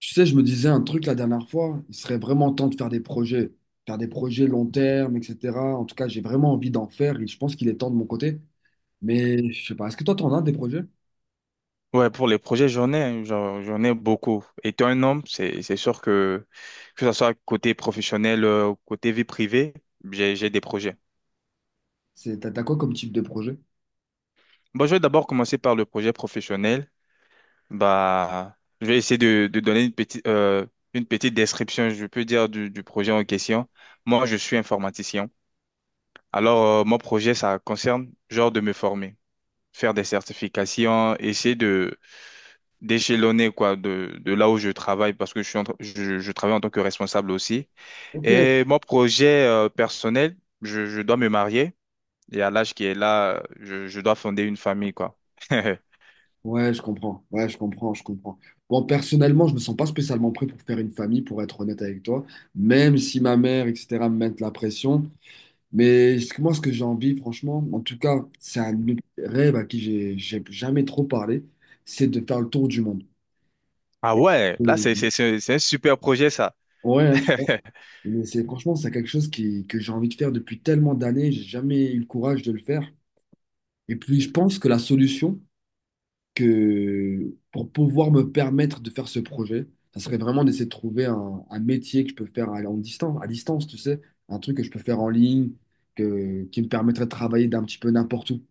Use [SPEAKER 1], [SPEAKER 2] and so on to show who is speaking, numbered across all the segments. [SPEAKER 1] Tu sais, je me disais un truc la dernière fois, il serait vraiment temps de faire des projets long terme, etc. En tout cas, j'ai vraiment envie d'en faire et je pense qu'il est temps de mon côté. Mais je sais pas, est-ce que toi, t'en as des projets?
[SPEAKER 2] Ouais, pour les projets, j'en ai, hein, j'en ai beaucoup. Étant un homme, c'est sûr que ce soit côté professionnel ou côté vie privée, j'ai des projets.
[SPEAKER 1] C'est, t'as quoi comme type de projet?
[SPEAKER 2] Bon, je vais d'abord commencer par le projet professionnel. Bah, je vais essayer de donner une petite description, je peux dire du projet en question. Moi, je suis informaticien. Alors, mon projet, ça concerne genre de me former, faire des certifications, essayer d'échelonner quoi de là où je travaille parce que je travaille en tant que responsable aussi.
[SPEAKER 1] Ok.
[SPEAKER 2] Et mon projet personnel, je dois me marier et à l'âge qui est là, je dois fonder une famille quoi.
[SPEAKER 1] Ouais, je comprends. Ouais, je comprends, je comprends. Bon, personnellement, je me sens pas spécialement prêt pour faire une famille, pour être honnête avec toi, même si ma mère, etc., me mettent la pression. Mais moi, ce que j'ai envie, franchement, en tout cas, c'est un autre rêve à qui j'ai jamais trop parlé, c'est de faire le tour du monde.
[SPEAKER 2] Ah ouais, là c'est
[SPEAKER 1] Oui.
[SPEAKER 2] c'est c'est c'est un super projet ça.
[SPEAKER 1] Ouais, hein, tu vois. Mais c'est franchement, c'est quelque chose qui, que j'ai envie de faire depuis tellement d'années, j'ai jamais eu le courage de le faire. Et puis, je pense que la solution que pour pouvoir me permettre de faire ce projet, ça serait vraiment d'essayer de trouver un métier que je peux faire à, en distance, à distance, tu sais, un truc que je peux faire en ligne, que, qui me permettrait de travailler d'un petit peu n'importe où.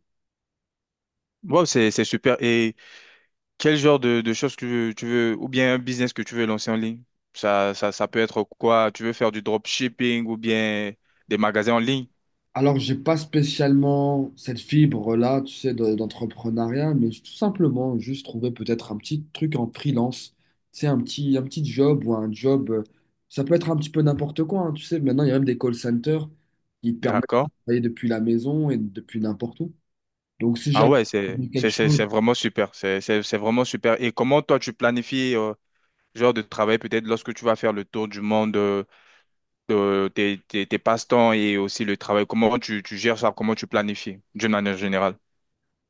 [SPEAKER 2] Wow, c'est super. Et quel genre de choses que tu veux, ou bien un business que tu veux lancer en ligne? Ça peut être quoi? Tu veux faire du dropshipping ou bien des magasins en ligne?
[SPEAKER 1] Alors, j'ai pas spécialement cette fibre-là, tu sais, d'entrepreneuriat, mais tout simplement juste trouver peut-être un petit truc en freelance, tu sais, un petit job ou un job, ça peut être un petit peu n'importe quoi, hein, tu sais, maintenant il y a même des call centers qui te permettent de
[SPEAKER 2] D'accord.
[SPEAKER 1] travailler depuis la maison et depuis n'importe où. Donc, si
[SPEAKER 2] Ah
[SPEAKER 1] j'arrive
[SPEAKER 2] ouais,
[SPEAKER 1] à
[SPEAKER 2] c'est
[SPEAKER 1] trouver quelque
[SPEAKER 2] c'est c'est
[SPEAKER 1] chose,
[SPEAKER 2] c'est vraiment super. C'est vraiment super. Et comment toi tu planifies ce genre de travail peut-être lorsque tu vas faire le tour du monde, de tes passe-temps et aussi le travail. Comment tu gères ça? Comment tu planifies d'une manière générale?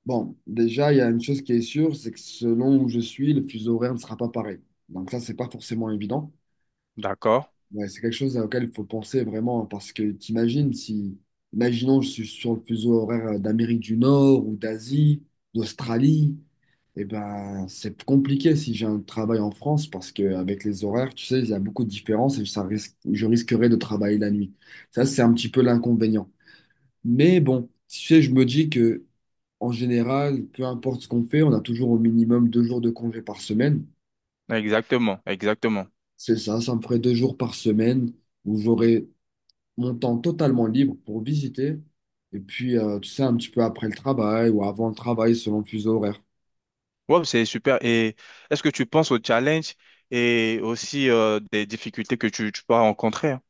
[SPEAKER 1] bon, déjà, il y a une chose qui est sûre, c'est que selon où je suis, le fuseau horaire ne sera pas pareil. Donc ça, c'est pas forcément évident.
[SPEAKER 2] D'accord.
[SPEAKER 1] Ouais, c'est quelque chose auquel il faut penser vraiment, parce que t'imagines si, imaginons, je suis sur le fuseau horaire d'Amérique du Nord ou d'Asie, d'Australie, et ben c'est compliqué si j'ai un travail en France, parce qu'avec les horaires, tu sais, il y a beaucoup de différences et ça risque, je risquerais de travailler la nuit. Ça, c'est un petit peu l'inconvénient. Mais bon, tu sais, je me dis que en général, peu importe ce qu'on fait, on a toujours au minimum 2 jours de congé par semaine.
[SPEAKER 2] Exactement, exactement.
[SPEAKER 1] C'est ça, ça me ferait 2 jours par semaine où j'aurais mon temps totalement libre pour visiter. Et puis, tu sais, un petit peu après le travail ou avant le travail, selon le fuseau horaire.
[SPEAKER 2] Ouais, c'est super. Et est-ce que tu penses aux challenges et aussi des difficultés que tu peux rencontrer, hein?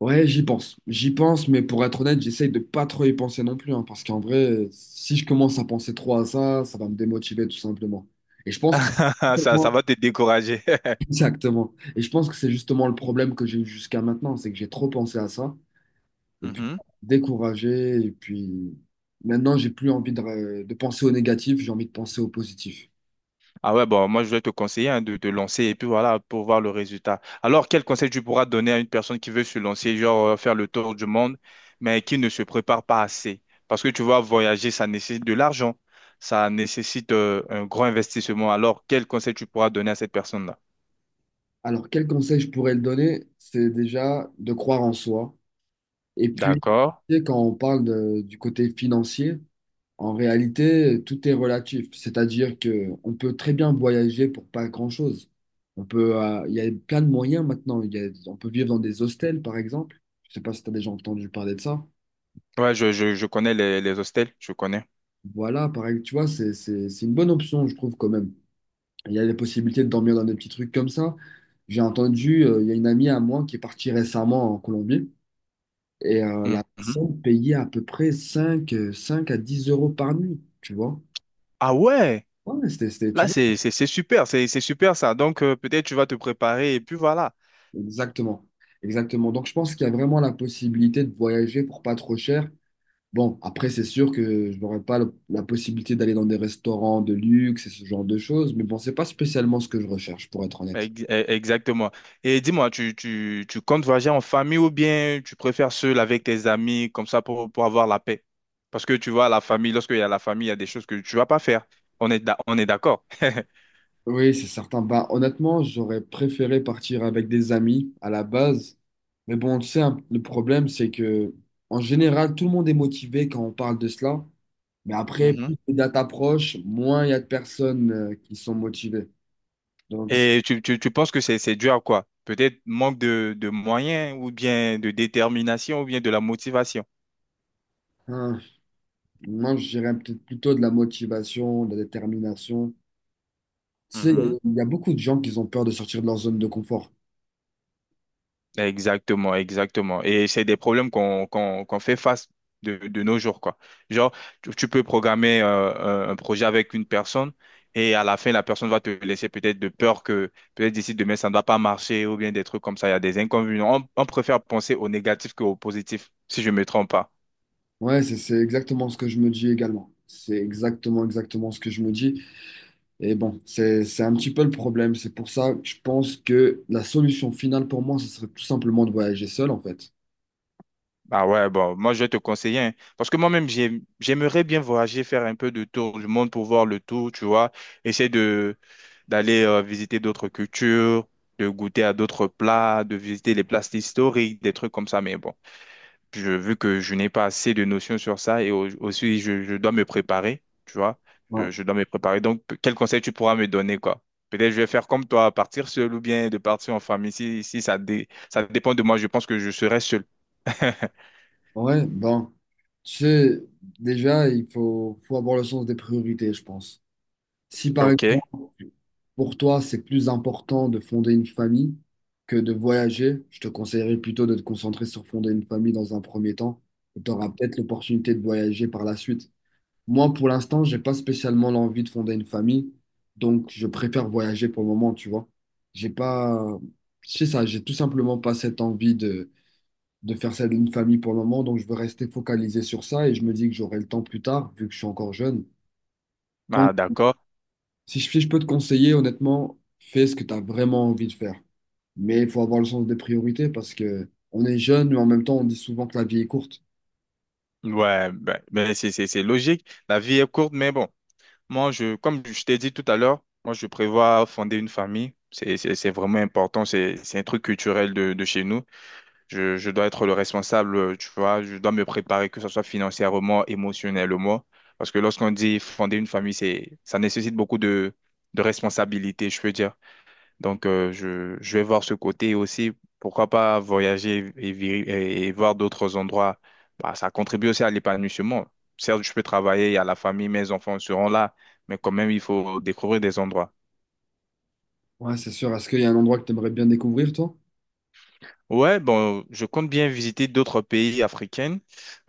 [SPEAKER 1] Ouais, j'y pense. J'y pense, mais pour être honnête, j'essaye de pas trop y penser non plus, hein, parce qu'en vrai, si je commence à penser trop à ça, ça va me démotiver tout simplement. Et je pense que
[SPEAKER 2] Ça ça va te décourager.
[SPEAKER 1] exactement. Et je pense que c'est justement le problème que j'ai eu jusqu'à maintenant, c'est que j'ai trop pensé à ça, et puis découragé, et puis maintenant, j'ai plus envie de penser au négatif, j'ai envie de penser au positif.
[SPEAKER 2] Ah ouais, bon, moi je vais te conseiller, hein, de te lancer et puis voilà, pour voir le résultat. Alors, quel conseil tu pourras donner à une personne qui veut se lancer, genre faire le tour du monde, mais qui ne se prépare pas assez? Parce que tu vois, voyager, ça nécessite de l'argent, ça nécessite un grand investissement. Alors, quel conseil tu pourras donner à cette personne-là?
[SPEAKER 1] Alors, quel conseil je pourrais le donner? C'est déjà de croire en soi. Et puis,
[SPEAKER 2] D'accord.
[SPEAKER 1] tu sais, quand on parle du côté financier, en réalité, tout est relatif. C'est-à-dire que on peut très bien voyager pour pas grand-chose. On peut, il y a plein de moyens maintenant. On peut vivre dans des hostels, par exemple. Je sais pas si tu as déjà entendu parler de ça.
[SPEAKER 2] Ouais, je connais les hostels, je connais.
[SPEAKER 1] Voilà, pareil, tu vois, c'est une bonne option, je trouve, quand même. Il y a les possibilités de dormir dans des petits trucs comme ça. J'ai entendu, il y a une amie à moi qui est partie récemment en Colombie. Et la
[SPEAKER 2] Mhm.
[SPEAKER 1] personne payait à peu près 5 5 à 10 euros par nuit, tu vois.
[SPEAKER 2] Ah ouais,
[SPEAKER 1] Ouais, tu
[SPEAKER 2] là
[SPEAKER 1] vois,
[SPEAKER 2] c'est super, c'est super ça. Donc peut-être tu vas te préparer et puis voilà.
[SPEAKER 1] exactement. Exactement. Donc, je pense qu'il y a vraiment la possibilité de voyager pour pas trop cher. Bon, après, c'est sûr que je n'aurais pas la possibilité d'aller dans des restaurants de luxe et ce genre de choses, mais bon, c'est pas spécialement ce que je recherche, pour être honnête.
[SPEAKER 2] Exactement. Et dis-moi, tu comptes voyager en famille ou bien tu préfères seul avec tes amis comme ça pour avoir la paix? Parce que tu vois, la famille, lorsqu'il y a la famille, il y a des choses que tu vas pas faire. On est, on est d'accord.
[SPEAKER 1] Oui, c'est certain. Bah, honnêtement, j'aurais préféré partir avec des amis à la base. Mais bon, tu sais, hein, le problème, c'est que en général, tout le monde est motivé quand on parle de cela. Mais après,
[SPEAKER 2] Mhm.
[SPEAKER 1] plus les dates approchent, moins il y a de personnes qui sont motivées. Donc, c'est
[SPEAKER 2] Et tu penses que c'est dû à quoi? Peut-être manque de moyens ou bien de détermination ou bien de la motivation.
[SPEAKER 1] un- moi, je dirais peut-être plutôt de la motivation, de la détermination. Tu sais, il y a beaucoup de gens qui ont peur de sortir de leur zone de confort.
[SPEAKER 2] Exactement, exactement. Et c'est des problèmes qu'on fait face de nos jours, quoi. Genre, tu peux programmer un projet avec une personne et à la fin, la personne va te laisser peut-être de peur que peut-être d'ici demain, ça ne va pas marcher ou bien des trucs comme ça. Il y a des inconvénients. On préfère penser au négatif qu'au positif, si je ne me trompe pas.
[SPEAKER 1] Ouais, c'est exactement ce que je me dis également. C'est exactement, exactement ce que je me dis. Et bon, c'est un petit peu le problème. C'est pour ça que je pense que la solution finale pour moi, ce serait tout simplement de voyager seul, en fait.
[SPEAKER 2] Ah ouais, bon, moi je vais te conseiller, hein, parce que j'aimerais bien voyager, faire un peu de tour du monde pour voir le tour, tu vois, essayer de d'aller visiter d'autres cultures, de goûter à d'autres plats, de visiter les places historiques, des trucs comme ça, mais bon, vu que je n'ai pas assez de notions sur ça et aussi je dois me préparer, tu vois,
[SPEAKER 1] Ouais.
[SPEAKER 2] je dois me préparer, donc quel conseil tu pourras me donner, quoi? Peut-être je vais faire comme toi, partir seul ou bien de partir en famille, si, ça, ça dépend de moi, je pense que je serai seul.
[SPEAKER 1] Ouais, ben, tu sais, déjà, il faut, faut avoir le sens des priorités, je pense. Si par
[SPEAKER 2] Ok.
[SPEAKER 1] exemple, pour toi, c'est plus important de fonder une famille que de voyager, je te conseillerais plutôt de te concentrer sur fonder une famille dans un premier temps. Tu auras peut-être l'opportunité de voyager par la suite. Moi, pour l'instant, j'ai pas spécialement l'envie de fonder une famille, donc je préfère voyager pour le moment, tu vois. J'ai pas, c'est ça, j'ai tout simplement pas cette envie de faire celle d'une famille pour le moment. Donc, je veux rester focalisé sur ça et je me dis que j'aurai le temps plus tard, vu que je suis encore jeune. Donc,
[SPEAKER 2] Ah, d'accord.
[SPEAKER 1] si je peux te conseiller, honnêtement, fais ce que tu as vraiment envie de faire. Mais il faut avoir le sens des priorités parce que on est jeune, mais en même temps, on dit souvent que la vie est courte.
[SPEAKER 2] Ouais, ben, c'est logique. La vie est courte, mais bon, comme je t'ai dit tout à l'heure, moi, je prévois fonder une famille. C'est vraiment important. C'est un truc culturel de chez nous. Je dois être le responsable, tu vois. Je dois me préparer, que ce soit financièrement, émotionnellement. Parce que lorsqu'on dit fonder une famille, ça nécessite beaucoup de responsabilité, je peux dire. Donc, je vais voir ce côté aussi. Pourquoi pas voyager et voir d'autres endroits. Bah, ça contribue aussi à l'épanouissement. Certes, je peux travailler, il y a la famille, mes enfants seront là, mais quand même, il faut découvrir des endroits.
[SPEAKER 1] Ouais, c'est sûr. Est-ce qu'il y a un endroit que tu aimerais bien découvrir, toi?
[SPEAKER 2] Ouais, bon, je compte bien visiter d'autres pays africains.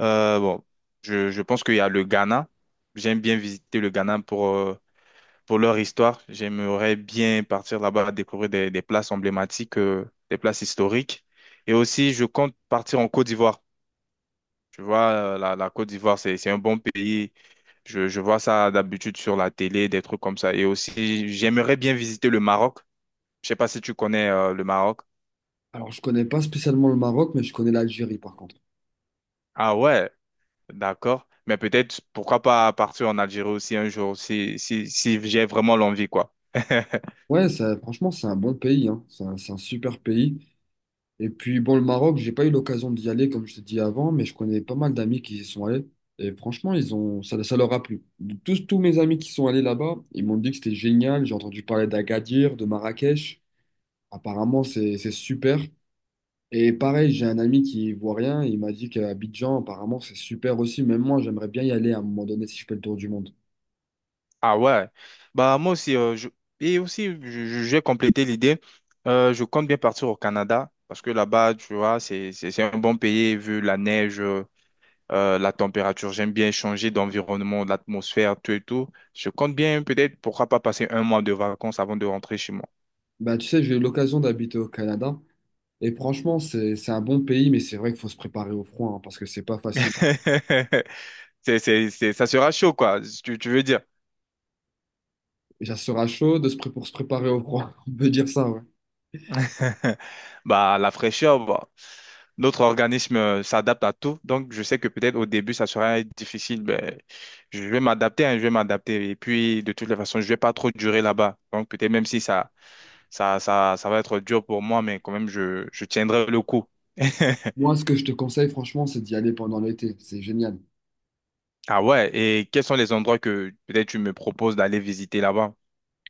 [SPEAKER 2] Bon, je pense qu'il y a le Ghana. J'aime bien visiter le Ghana pour. Pour leur histoire. J'aimerais bien partir là-bas, découvrir des places emblématiques, des places historiques. Et aussi, je compte partir en Côte d'Ivoire. Tu vois, la Côte d'Ivoire, c'est un bon pays. Je vois ça d'habitude sur la télé, des trucs comme ça. Et aussi, j'aimerais bien visiter le Maroc. Je sais pas si tu connais, le Maroc.
[SPEAKER 1] Alors, je connais pas spécialement le Maroc, mais je connais l'Algérie, par contre.
[SPEAKER 2] Ah ouais, d'accord. Mais peut-être, pourquoi pas partir en Algérie aussi un jour, si, si j'ai vraiment l'envie, quoi.
[SPEAKER 1] Ouais, ça, franchement, c'est un bon pays, hein. C'est un super pays. Et puis, bon, le Maroc, j'ai pas eu l'occasion d'y aller, comme je t'ai dit avant, mais je connais pas mal d'amis qui y sont allés. Et franchement, ils ont, ça leur a plu. Tous, tous mes amis qui sont allés là-bas, ils m'ont dit que c'était génial. J'ai entendu parler d'Agadir, de Marrakech. Apparemment, c'est super. Et pareil, j'ai un ami qui est ivoirien. Il m'a dit qu'à Abidjan, apparemment, c'est super aussi. Même moi, j'aimerais bien y aller à un moment donné si je fais le tour du monde.
[SPEAKER 2] Ah ouais, bah moi aussi, je... et aussi, j'ai complété l'idée. Je compte bien partir au Canada, parce que là-bas, tu vois, c'est un bon pays, vu la neige, la température, j'aime bien changer d'environnement, l'atmosphère, tout et tout. Je compte bien peut-être, pourquoi pas passer un mois de vacances avant de rentrer chez moi.
[SPEAKER 1] Bah, tu sais, j'ai eu l'occasion d'habiter au Canada. Et franchement, c'est un bon pays, mais c'est vrai qu'il faut se préparer au froid, hein, parce que c'est pas facile.
[SPEAKER 2] Ça sera chaud, quoi, si tu veux dire.
[SPEAKER 1] Et ça sera chaud de pour se préparer au froid. On peut dire ça, ouais.
[SPEAKER 2] Bah, la fraîcheur, bah, notre organisme s'adapte à tout. Donc, je sais que peut-être au début, ça sera difficile. Mais je vais m'adapter, hein, je vais m'adapter. Et puis, de toutes les façons, je vais pas trop durer là-bas. Donc, peut-être même si ça va être dur pour moi, mais quand même, je tiendrai le coup.
[SPEAKER 1] Moi, ce que je te conseille, franchement, c'est d'y aller pendant l'été. C'est génial.
[SPEAKER 2] Ah ouais, et quels sont les endroits que peut-être tu me proposes d'aller visiter là-bas?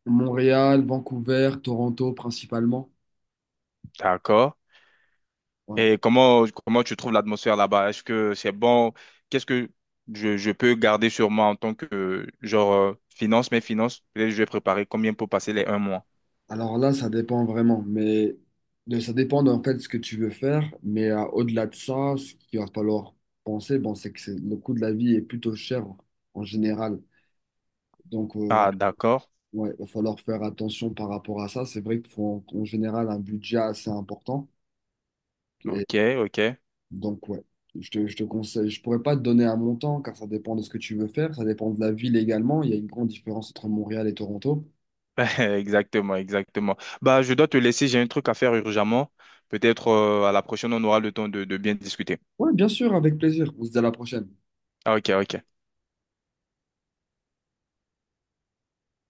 [SPEAKER 1] Montréal, Vancouver, Toronto principalement.
[SPEAKER 2] D'accord.
[SPEAKER 1] Ouais.
[SPEAKER 2] Et comment tu trouves l'atmosphère là-bas? Est-ce que c'est bon? Qu'est-ce que je peux garder sur moi en tant que, genre, mes finances? Peut-être je vais préparer combien pour passer les un mois?
[SPEAKER 1] Alors là, ça dépend vraiment. Mais ça dépend en fait de ce que tu veux faire. Mais au-delà de ça, ce qu'il va falloir penser, bon, c'est que le coût de la vie est plutôt cher en général. Donc,
[SPEAKER 2] Ah, d'accord.
[SPEAKER 1] ouais, il va falloir faire attention par rapport à ça. C'est vrai qu'il faut en en général un budget assez important.
[SPEAKER 2] Ok, ok.
[SPEAKER 1] Donc, ouais, je te conseille. Je pourrais pas te donner un montant car ça dépend de ce que tu veux faire, ça dépend de la ville également. Il y a une grande différence entre Montréal et Toronto.
[SPEAKER 2] Exactement, exactement. Bah, je dois te laisser, j'ai un truc à faire urgemment. Peut-être, à la prochaine, on aura le temps de bien discuter.
[SPEAKER 1] Ouais, bien sûr, avec plaisir. On se dit à la prochaine.
[SPEAKER 2] Ah, ok, ok.